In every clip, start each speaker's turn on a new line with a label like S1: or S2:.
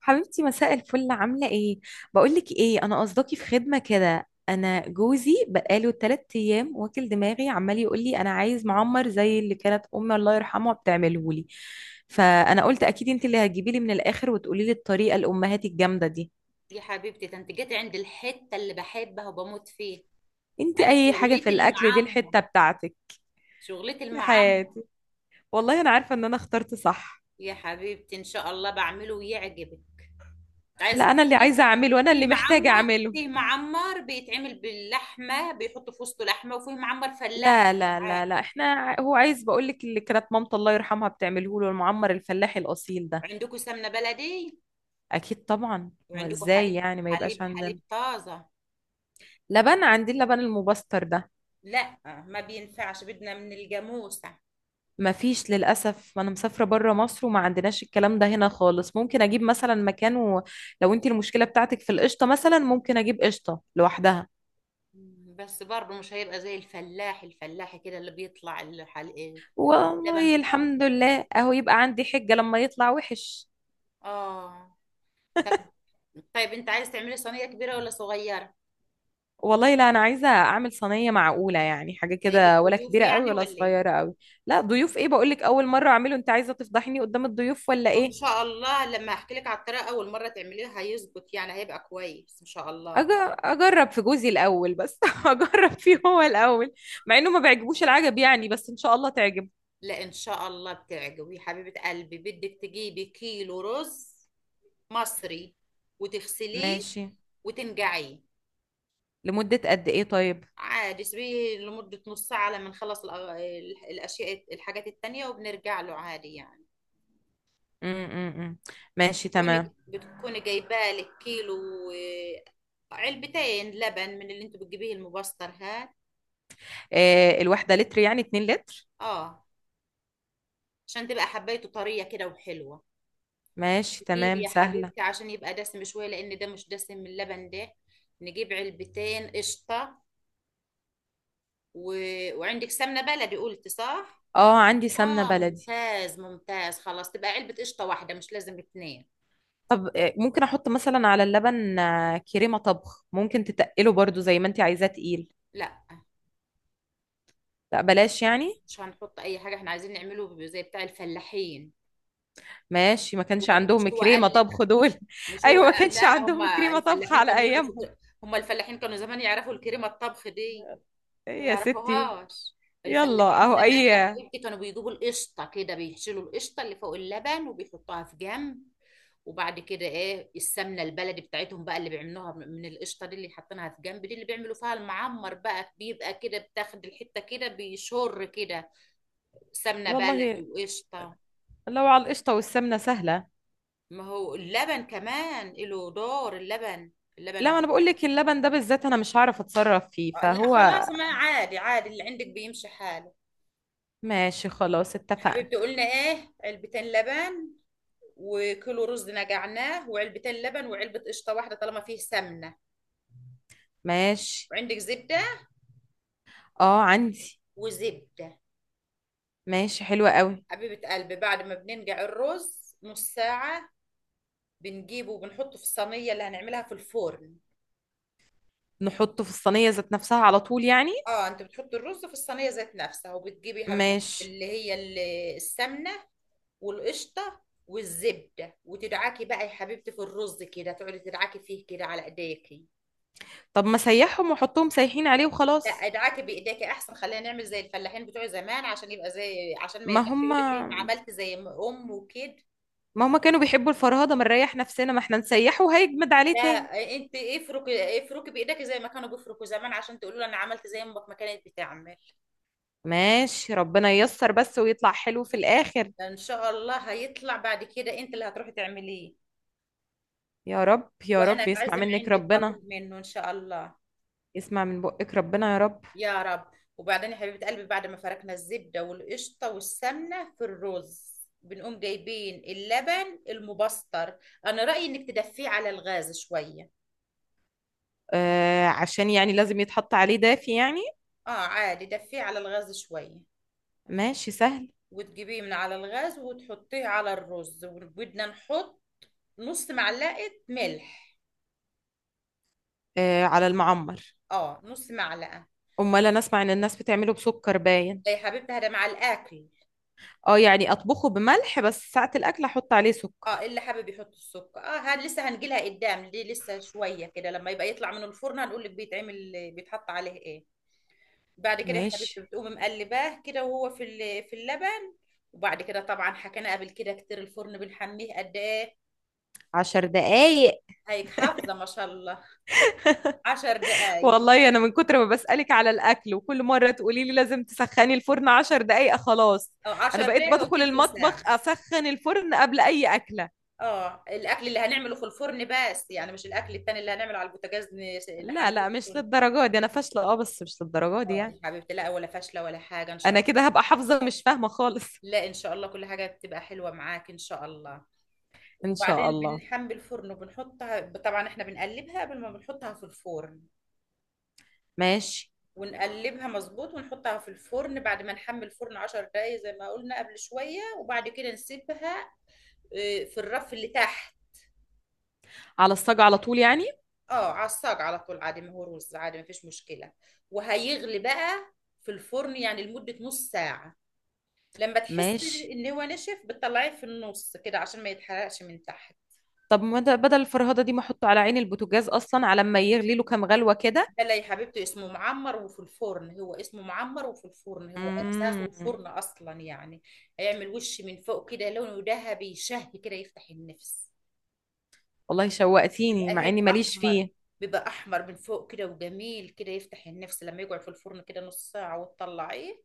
S1: حبيبتي مساء الفل، عاملة ايه؟ بقولك ايه، انا قصدكي في خدمة كده. انا جوزي بقاله تلات ايام واكل دماغي، عمال يقولي انا عايز معمر زي اللي كانت امي الله يرحمها بتعملهولي. فانا قلت اكيد انت اللي هتجيبي لي من الاخر وتقولي لي الطريقة الامهات الجامدة دي.
S2: يا حبيبتي ده انت جيت عند الحتة اللي بحبها وبموت فيها.
S1: انت
S2: انا
S1: اي حاجة في
S2: شغلتي
S1: الاكل دي
S2: المعمر،
S1: الحتة بتاعتك.
S2: شغلتي
S1: يا
S2: المعمر.
S1: حياتي، والله انا عارفة ان انا اخترت صح.
S2: يا حبيبتي ان شاء الله بعمله ويعجبك. عايزة
S1: لا، انا اللي
S2: تعملي؟
S1: عايزة اعمله، انا
S2: فيه
S1: اللي محتاجة
S2: معمر
S1: اعمله.
S2: فيه معمر بيتعمل باللحمة، بيحطوا في وسطه لحمة، وفيه معمر فلاح.
S1: لا لا لا
S2: عادي.
S1: لا، احنا هو عايز، بقول لك اللي كانت مامته الله يرحمها بتعمله له المعمر الفلاحي الاصيل ده.
S2: عندكم سمنة بلدي؟
S1: اكيد طبعا، هو
S2: وعندكم
S1: ازاي
S2: حليب،
S1: يعني ما
S2: حليب
S1: يبقاش
S2: حليب
S1: عندنا.
S2: طازة؟
S1: لبن عندي، اللبن المبستر ده.
S2: لا، ما بينفعش، بدنا من الجاموسة.
S1: ما فيش للاسف، ما انا مسافره بره مصر وما عندناش الكلام ده هنا خالص. ممكن اجيب مثلا مكانه. لو انت المشكله بتاعتك في القشطه مثلا، ممكن اجيب قشطه لوحدها.
S2: بس برضه مش هيبقى زي الفلاح كده اللي بيطلع الحلقة. لبن
S1: والله
S2: طازة؟
S1: الحمد لله اهو، يبقى عندي حجه لما يطلع وحش.
S2: اه. طيب انت عايز تعملي صينية كبيرة ولا صغيرة؟
S1: والله لا، انا عايزه اعمل صينيه معقوله يعني، حاجه
S2: جاي لك
S1: كده، ولا
S2: ضيوف
S1: كبيره قوي
S2: يعني
S1: ولا
S2: ولا ايه؟
S1: صغيره قوي. لا ضيوف ايه، بقول لك اول مره اعمله. انت عايزه تفضحيني قدام الضيوف ولا
S2: ان
S1: ايه؟
S2: شاء الله لما احكي لك على الطريقة اول مرة تعمليها هيظبط، يعني هيبقى كويس ان شاء الله.
S1: اجرب في جوزي الاول بس اجرب فيه هو الاول. مع انه ما بيعجبوش العجب يعني، بس ان شاء الله تعجب.
S2: لا، ان شاء الله بتعجبي يا حبيبة قلبي. بدك تجيبي كيلو رز مصري، وتغسليه،
S1: ماشي.
S2: وتنقعيه.
S1: لمده قد ايه طيب؟
S2: عادي سيبيه لمدة نص ساعة لما نخلص الاشياء، الحاجات التانية، وبنرجع له عادي يعني.
S1: امم ماشي
S2: تكوني
S1: تمام.
S2: بتكوني جايبه لك كيلو. آه، علبتين لبن من اللي انتوا بتجيبيه المبستر هاد،
S1: إيه، الواحده لتر يعني 2 لتر.
S2: اه، عشان تبقى حبايته طريه كده وحلوه.
S1: ماشي
S2: نجيب
S1: تمام،
S2: يا
S1: سهله.
S2: حبيبتي عشان يبقى دسم شويه، لان ده مش دسم من اللبن ده، نجيب علبتين قشطه و... وعندك سمنه بلدي، قلت صح؟
S1: اه عندي سمنه
S2: اه
S1: بلدي.
S2: ممتاز ممتاز. خلاص تبقى علبه قشطه واحده، مش لازم اتنين.
S1: طب ممكن احط مثلا على اللبن كريمة طبخ، ممكن تتقله برضو زي ما انت عايزاه تقيل.
S2: لا
S1: لا بلاش يعني.
S2: مش هنحط اي حاجه، احنا عايزين نعمله زي بتاع الفلاحين.
S1: ماشي، ما كانش
S2: هو مش
S1: عندهم
S2: هو قال
S1: كريمة
S2: لي-
S1: طبخ دول.
S2: مش هو
S1: ايوه، ما
S2: قال-
S1: كانش
S2: لا، هم
S1: عندهم كريمة طبخ
S2: الفلاحين
S1: على
S2: كانوا
S1: ايامهم.
S2: هم الفلاحين كانوا زمان يعرفوا الكريمه الطبخ دي؟
S1: إيه
S2: ما
S1: يا ستي.
S2: يعرفوهاش.
S1: يلا
S2: الفلاحين
S1: اهو
S2: زمان
S1: اي.
S2: يا حبيبتي كانوا بيجيبوا القشطه كده، بيشيلوا القشطه اللي فوق اللبن وبيحطوها في جنب، وبعد كده ايه، السمنه البلدي بتاعتهم بقى اللي بيعملوها من القشطه دي اللي حاطينها في جنب، دي اللي بيعملوا فيها المعمر بقى، بيبقى كده بتاخد الحته كده بيشر كده. سمنه
S1: والله
S2: بلدي وقشطه.
S1: لو على القشطة والسمنة سهلة.
S2: ما هو اللبن كمان له دور، اللبن.
S1: لا انا بقول لك اللبن ده بالذات انا مش هعرف اتصرف فيه
S2: آه، لا
S1: فهو.
S2: خلاص ما عادي عادي، اللي عندك بيمشي حاله.
S1: ماشي خلاص، اتفقنا.
S2: حبيبتي قلنا ايه، علبتين لبن وكيلو رز نقعناه، وعلبتين لبن وعلبة قشطة واحدة طالما فيه سمنة.
S1: ماشي.
S2: وعندك زبدة؟
S1: اه عندي.
S2: وزبدة.
S1: ماشي، حلوة قوي.
S2: حبيبة قلبي بعد ما بننقع الرز نص ساعة، بنجيبه وبنحطه في الصينية اللي هنعملها في الفرن.
S1: نحطه في الصينية ذات نفسها على طول يعني.
S2: اه انت بتحط الرز في الصينية ذات نفسها، وبتجيبي يا حبيبة قلبي
S1: ماشي.
S2: السمنة والقشطه والزبده، وتدعكي بقى يا حبيبتي في الرز كده، تقعدي تدعكي فيه كده على ايديكي.
S1: طب ما سيحهم وحطهم سايحين عليه
S2: لا،
S1: وخلاص.
S2: ادعكي بايديكي احسن، خلينا نعمل زي الفلاحين بتوع زمان، عشان يبقى زي، عشان ما
S1: ما
S2: يرجعش يقول لك ليه ما
S1: هم
S2: عملت زي ما ام وكده.
S1: ما هم كانوا بيحبوا الفرهدة، ما نريح نفسنا، ما احنا نسيحه وهيجمد
S2: لا
S1: عليه تاني.
S2: انت افركي بايديكي زي ما كانوا بيفركوا زمان، عشان تقولوا لها انا عملت زي ما امك ما كانت بتعمل.
S1: ماشي ربنا ييسر بس ويطلع حلو في الآخر.
S2: ان شاء الله هيطلع، بعد كده انت اللي هتروحي تعمليه،
S1: يا رب يا
S2: وانا
S1: رب يسمع
S2: اتعزم
S1: منك
S2: عندك
S1: ربنا.
S2: واكل منه ان شاء الله.
S1: يسمع من بقك ربنا يا رب.
S2: يا رب. وبعدين يا حبيبة قلبي بعد ما فركنا الزبدة والقشطة والسمنة في الرز، بنقوم جايبين اللبن المبستر. أنا رأيي إنك تدفيه على الغاز شوية.
S1: آه عشان يعني لازم يتحط عليه دافي يعني.
S2: آه عادي، دفيه على الغاز شوية،
S1: ماشي سهل.
S2: وتجيبيه من على الغاز وتحطيه على الرز، وبدنا نحط نص معلقة ملح.
S1: آه على المعمر.
S2: آه نص معلقة.
S1: امال انا اسمع ان الناس بتعمله بسكر باين.
S2: إيه يا حبيبتي هذا مع الأكل.
S1: اه يعني اطبخه بملح بس ساعة الاكل احط عليه
S2: اه
S1: سكر.
S2: اللي حابب يحط السكر، اه هاد لسه هنجيلها قدام، دي لسه شويه كده، لما يبقى يطلع من الفرن هنقول لك بيتعمل بيتحط عليه ايه. بعد كده يا حبيبتي
S1: ماشي.
S2: بتقوم مقلباه كده وهو في في اللبن. وبعد كده طبعا حكينا قبل كده كتير، الفرن بنحميه قد ايه؟
S1: عشر دقايق.
S2: هيك حافظه ما شاء الله. عشر دقايق،
S1: والله انا من كتر ما بسألك على الاكل وكل مرة تقولي لي لازم تسخني الفرن عشر دقايق خلاص.
S2: او
S1: انا
S2: عشر
S1: بقيت
S2: دقايق او
S1: بدخل
S2: تلت
S1: المطبخ
S2: ساعه.
S1: اسخن الفرن قبل اي اكلة.
S2: اه الاكل اللي هنعمله في الفرن بس يعني، مش الاكل التاني اللي هنعمله على البوتاجاز،
S1: لا
S2: نحمله
S1: لا
S2: في
S1: مش
S2: الفرن.
S1: للدرجة دي انا فاشلة، اه بس مش للدرجة دي
S2: اه
S1: يعني.
S2: يا حبيبتي، لا ولا فاشله ولا حاجه ان شاء
S1: انا
S2: الله.
S1: كده هبقى حافظة، مش فاهمة خالص.
S2: لا ان شاء الله كل حاجه بتبقى حلوه معاك ان شاء الله.
S1: ان
S2: وبعدين
S1: شاء الله.
S2: بنحمي الفرن وبنحطها، طبعا احنا بنقلبها قبل ما بنحطها في الفرن،
S1: ماشي.
S2: ونقلبها مظبوط ونحطها في الفرن بعد ما نحمل الفرن 10 دقايق زي ما قلنا قبل شوية، وبعد كده نسيبها آه، في الرف اللي تحت.
S1: على الصاج على طول يعني.
S2: اه على الصاج على طول عادي، ما هو رز عادي ما فيش مشكلة. وهيغلي بقى في الفرن يعني لمدة نص ساعة، لما تحس
S1: ماشي.
S2: ان هو نشف بتطلعيه في النص كده عشان ما يتحرقش من تحت.
S1: طب ما ده- بدل الفرهدة دي ما احطه على عين البوتاجاز اصلا على ما يغلي له كام غلوة كده.
S2: لا يا حبيبتي اسمه معمر وفي الفرن، هو اسمه معمر وفي الفرن، هو اساسه
S1: مم.
S2: الفرن اصلا يعني. هيعمل وش من فوق كده لونه ذهبي شهي كده يفتح النفس.
S1: والله شوقتيني
S2: بيبقى
S1: مع
S2: هيك
S1: اني ماليش
S2: احمر،
S1: فيه.
S2: بيبقى احمر من فوق كده وجميل كده يفتح النفس، لما يقعد في الفرن كده نص ساعة وتطلعيه.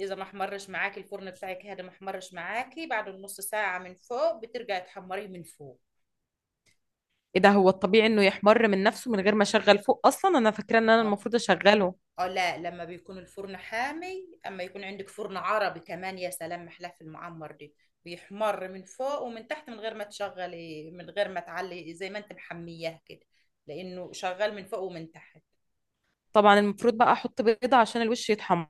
S2: اذا ما احمرش معاكي الفرن بتاعك هذا، ما احمرش معاكي بعد النص ساعة من فوق، بترجعي تحمريه من فوق.
S1: ايه ده، هو الطبيعي انه يحمر من نفسه من غير ما اشغل فوق؟ اصلا انا فاكره ان انا المفروض اشغله.
S2: اه لا لما بيكون الفرن حامي، اما يكون عندك فرن عربي كمان، يا سلام محلاه في المعمر دي. بيحمر من فوق ومن تحت من غير ما تشغلي، من غير ما تعلي، زي ما انت محمياه كده، لانه شغال من فوق ومن تحت.
S1: طبعا المفروض بقى احط بيضه عشان الوش يتحمر.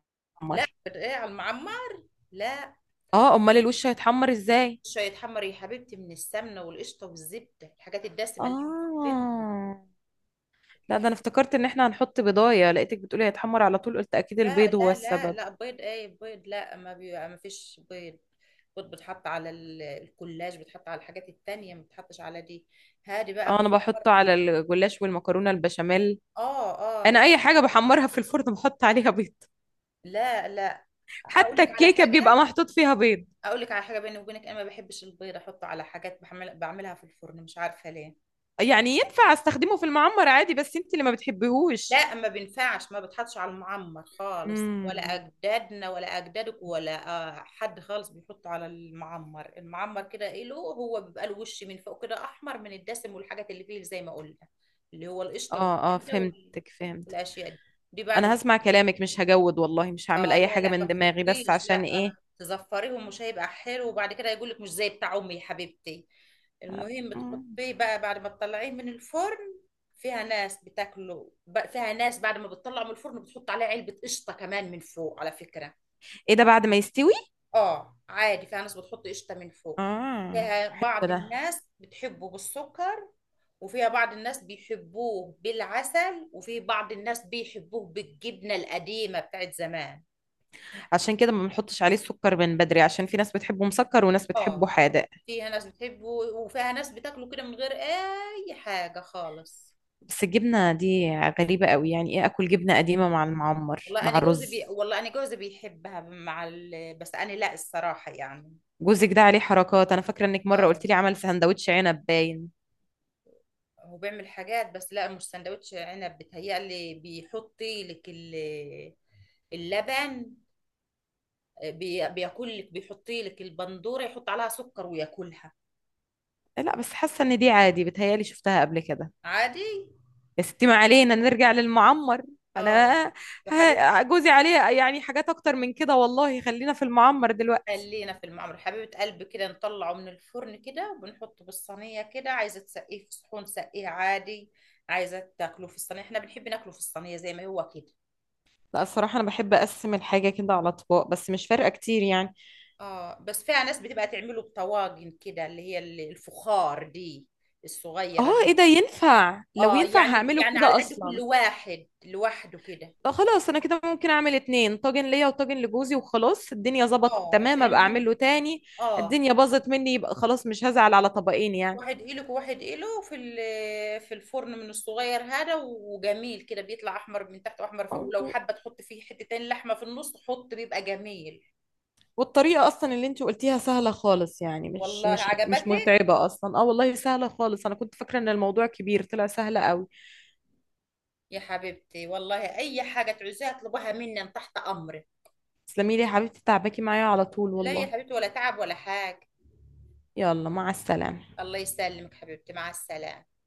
S2: لا بتقلي على المعمر. لا.
S1: اه، امال
S2: حطي
S1: الوش هيتحمر ازاي.
S2: شويه حمر يا حبيبتي من السمنه والقشطه والزبده، الحاجات الدسمه اللي احنا حاطينها.
S1: اه لا، ده انا افتكرت ان احنا هنحط بيضايه، لقيتك بتقولي هيتحمر على طول، قلت اكيد
S2: لا
S1: البيض هو
S2: لا لا
S1: السبب.
S2: لا، بيض ايه بيض، لا ما فيش بيض. بيض بتحط على الكولاج، بتحط على الحاجات التانية، ما بتحطش على دي. هادي بقى
S1: اه انا
S2: بيفكر.
S1: بحطه على الجلاش والمكرونه البشاميل.
S2: اه اه
S1: انا اي
S2: بتحط.
S1: حاجه بحمرها في الفرن بحط عليها بيض.
S2: لا لا، اقول
S1: حتى
S2: لك على
S1: الكيكه بيبقى
S2: حاجة،
S1: محطوط فيها بيض.
S2: اقول لك على حاجة بيني وبينك، انا ما بحبش البيض احطه على حاجات بعملها في الفرن، مش عارفة ليه.
S1: يعني ينفع استخدمه في المعمر عادي، بس انت اللي ما بتحبيهوش.
S2: لا ما بينفعش، ما بتحطش على المعمر خالص، ولا
S1: مم.
S2: اجدادنا ولا اجدادك ولا آه، حد خالص بيحط على المعمر. المعمر كده ايه له، هو بيبقى الوش من فوق كده احمر من الدسم والحاجات اللي فيه زي ما قلنا، اللي هو القشطه
S1: اه اه،
S2: والزبده
S1: فهمتك فهمتك.
S2: والاشياء دي. دي بعد
S1: انا
S2: ما
S1: هسمع كلامك مش هجود والله، مش هعمل
S2: اه
S1: اي
S2: لا
S1: حاجة
S2: لا، ما
S1: من دماغي، بس
S2: تحطيش
S1: عشان
S2: لا آه،
S1: ايه.
S2: تزفريهم مش هيبقى حلو، وبعد كده يقول لك مش زي بتاع امي يا حبيبتي. المهم
S1: مم.
S2: بتحطيه بقى بعد ما تطلعيه من الفرن، فيها ناس فيها ناس بعد ما بتطلعه من الفرن بتحط عليه علبة قشطة كمان من فوق على فكرة.
S1: ايه ده، بعد ما يستوي؟
S2: اه عادي، فيها ناس بتحط قشطة من فوق.
S1: اه
S2: فيها
S1: حلو
S2: بعض
S1: ده.
S2: الناس بتحبه بالسكر، وفيها بعض الناس بيحبوه بالعسل، وفي بعض الناس بيحبوه بالجبنة القديمة بتاعت زمان.
S1: عشان كده ما بنحطش عليه السكر من بدري، عشان في ناس بتحبه مسكر وناس بتحبه
S2: اه
S1: حادق.
S2: فيها ناس بتحبه، وفيها ناس بتاكله كده من غير اي حاجه خالص.
S1: بس الجبنة دي غريبة قوي، يعني ايه اكل جبنة قديمة مع المعمر مع الرز.
S2: والله انا جوزي بيحبها مع بس انا لا الصراحه يعني.
S1: جوزك ده عليه حركات، انا فاكرة انك مرة قلت
S2: اه
S1: لي عمل سندوتش عنب باين.
S2: هو بيعمل حاجات، بس لا مش سندوتش عنب بتهيألي، بيحطي لك اللبن، بياكل لك، بيحطي لك البندوره يحط عليها سكر وياكلها.
S1: لا بس حاسة ان دي عادي، بتهيالي شفتها قبل كده.
S2: عادي.
S1: يا ستي ما علينا، نرجع للمعمر.
S2: اه
S1: انا
S2: وحبيب.
S1: جوزي عليه يعني حاجات اكتر من كده والله، خلينا في المعمر دلوقتي.
S2: خلينا في المعمر حبيبة قلبي، كده نطلعه من الفرن كده وبنحطه بالصينية كده، عايزة تسقيه في صحون سقيه عادي، عايزة تاكله في الصينية احنا بنحب ناكله في الصينية زي ما هو كده.
S1: لا الصراحة أنا بحب أقسم الحاجة كده على أطباق، بس مش فارقة كتير يعني.
S2: اه بس فيها ناس بتبقى تعمله بطواجن كده، اللي هي الفخار دي
S1: آه
S2: الصغيرة
S1: إيه
S2: دي.
S1: ده، ينفع؟ لو
S2: اه
S1: ينفع
S2: يعني
S1: هعمله
S2: يعني على
S1: كده
S2: قد كل
S1: أصلا.
S2: واحد لوحده كده.
S1: طب خلاص، أنا كده ممكن أعمل اتنين طاجن، ليا وطاجن لجوزي، وخلاص الدنيا ظبطت
S2: اه
S1: تمام، أبقى
S2: تعملهم.
S1: أعمله تاني.
S2: اه
S1: الدنيا باظت مني يبقى خلاص، مش هزعل على طبقين
S2: واحد قلق وواحد قلق في في الفرن من الصغير هذا، وجميل كده بيطلع احمر من تحت واحمر فوق،
S1: يعني.
S2: ولو حابه تحط فيه حتتين لحمه في النص حط، بيبقى جميل.
S1: والطريقة أصلا اللي أنت قلتيها سهلة خالص يعني، مش
S2: والله
S1: مش مش
S2: عجبتك
S1: متعبة أصلا. أه والله سهلة خالص، أنا كنت فاكرة إن الموضوع كبير طلع سهلة قوي.
S2: يا حبيبتي، والله اي حاجه تعوزيها اطلبها مني، أنا تحت امرك.
S1: تسلمي لي يا حبيبتي، تعبكي معايا على طول
S2: لا يا
S1: والله.
S2: حبيبتي ولا تعب ولا حاجه.
S1: يلا مع السلامة.
S2: الله يسلمك حبيبتي، مع السلامه.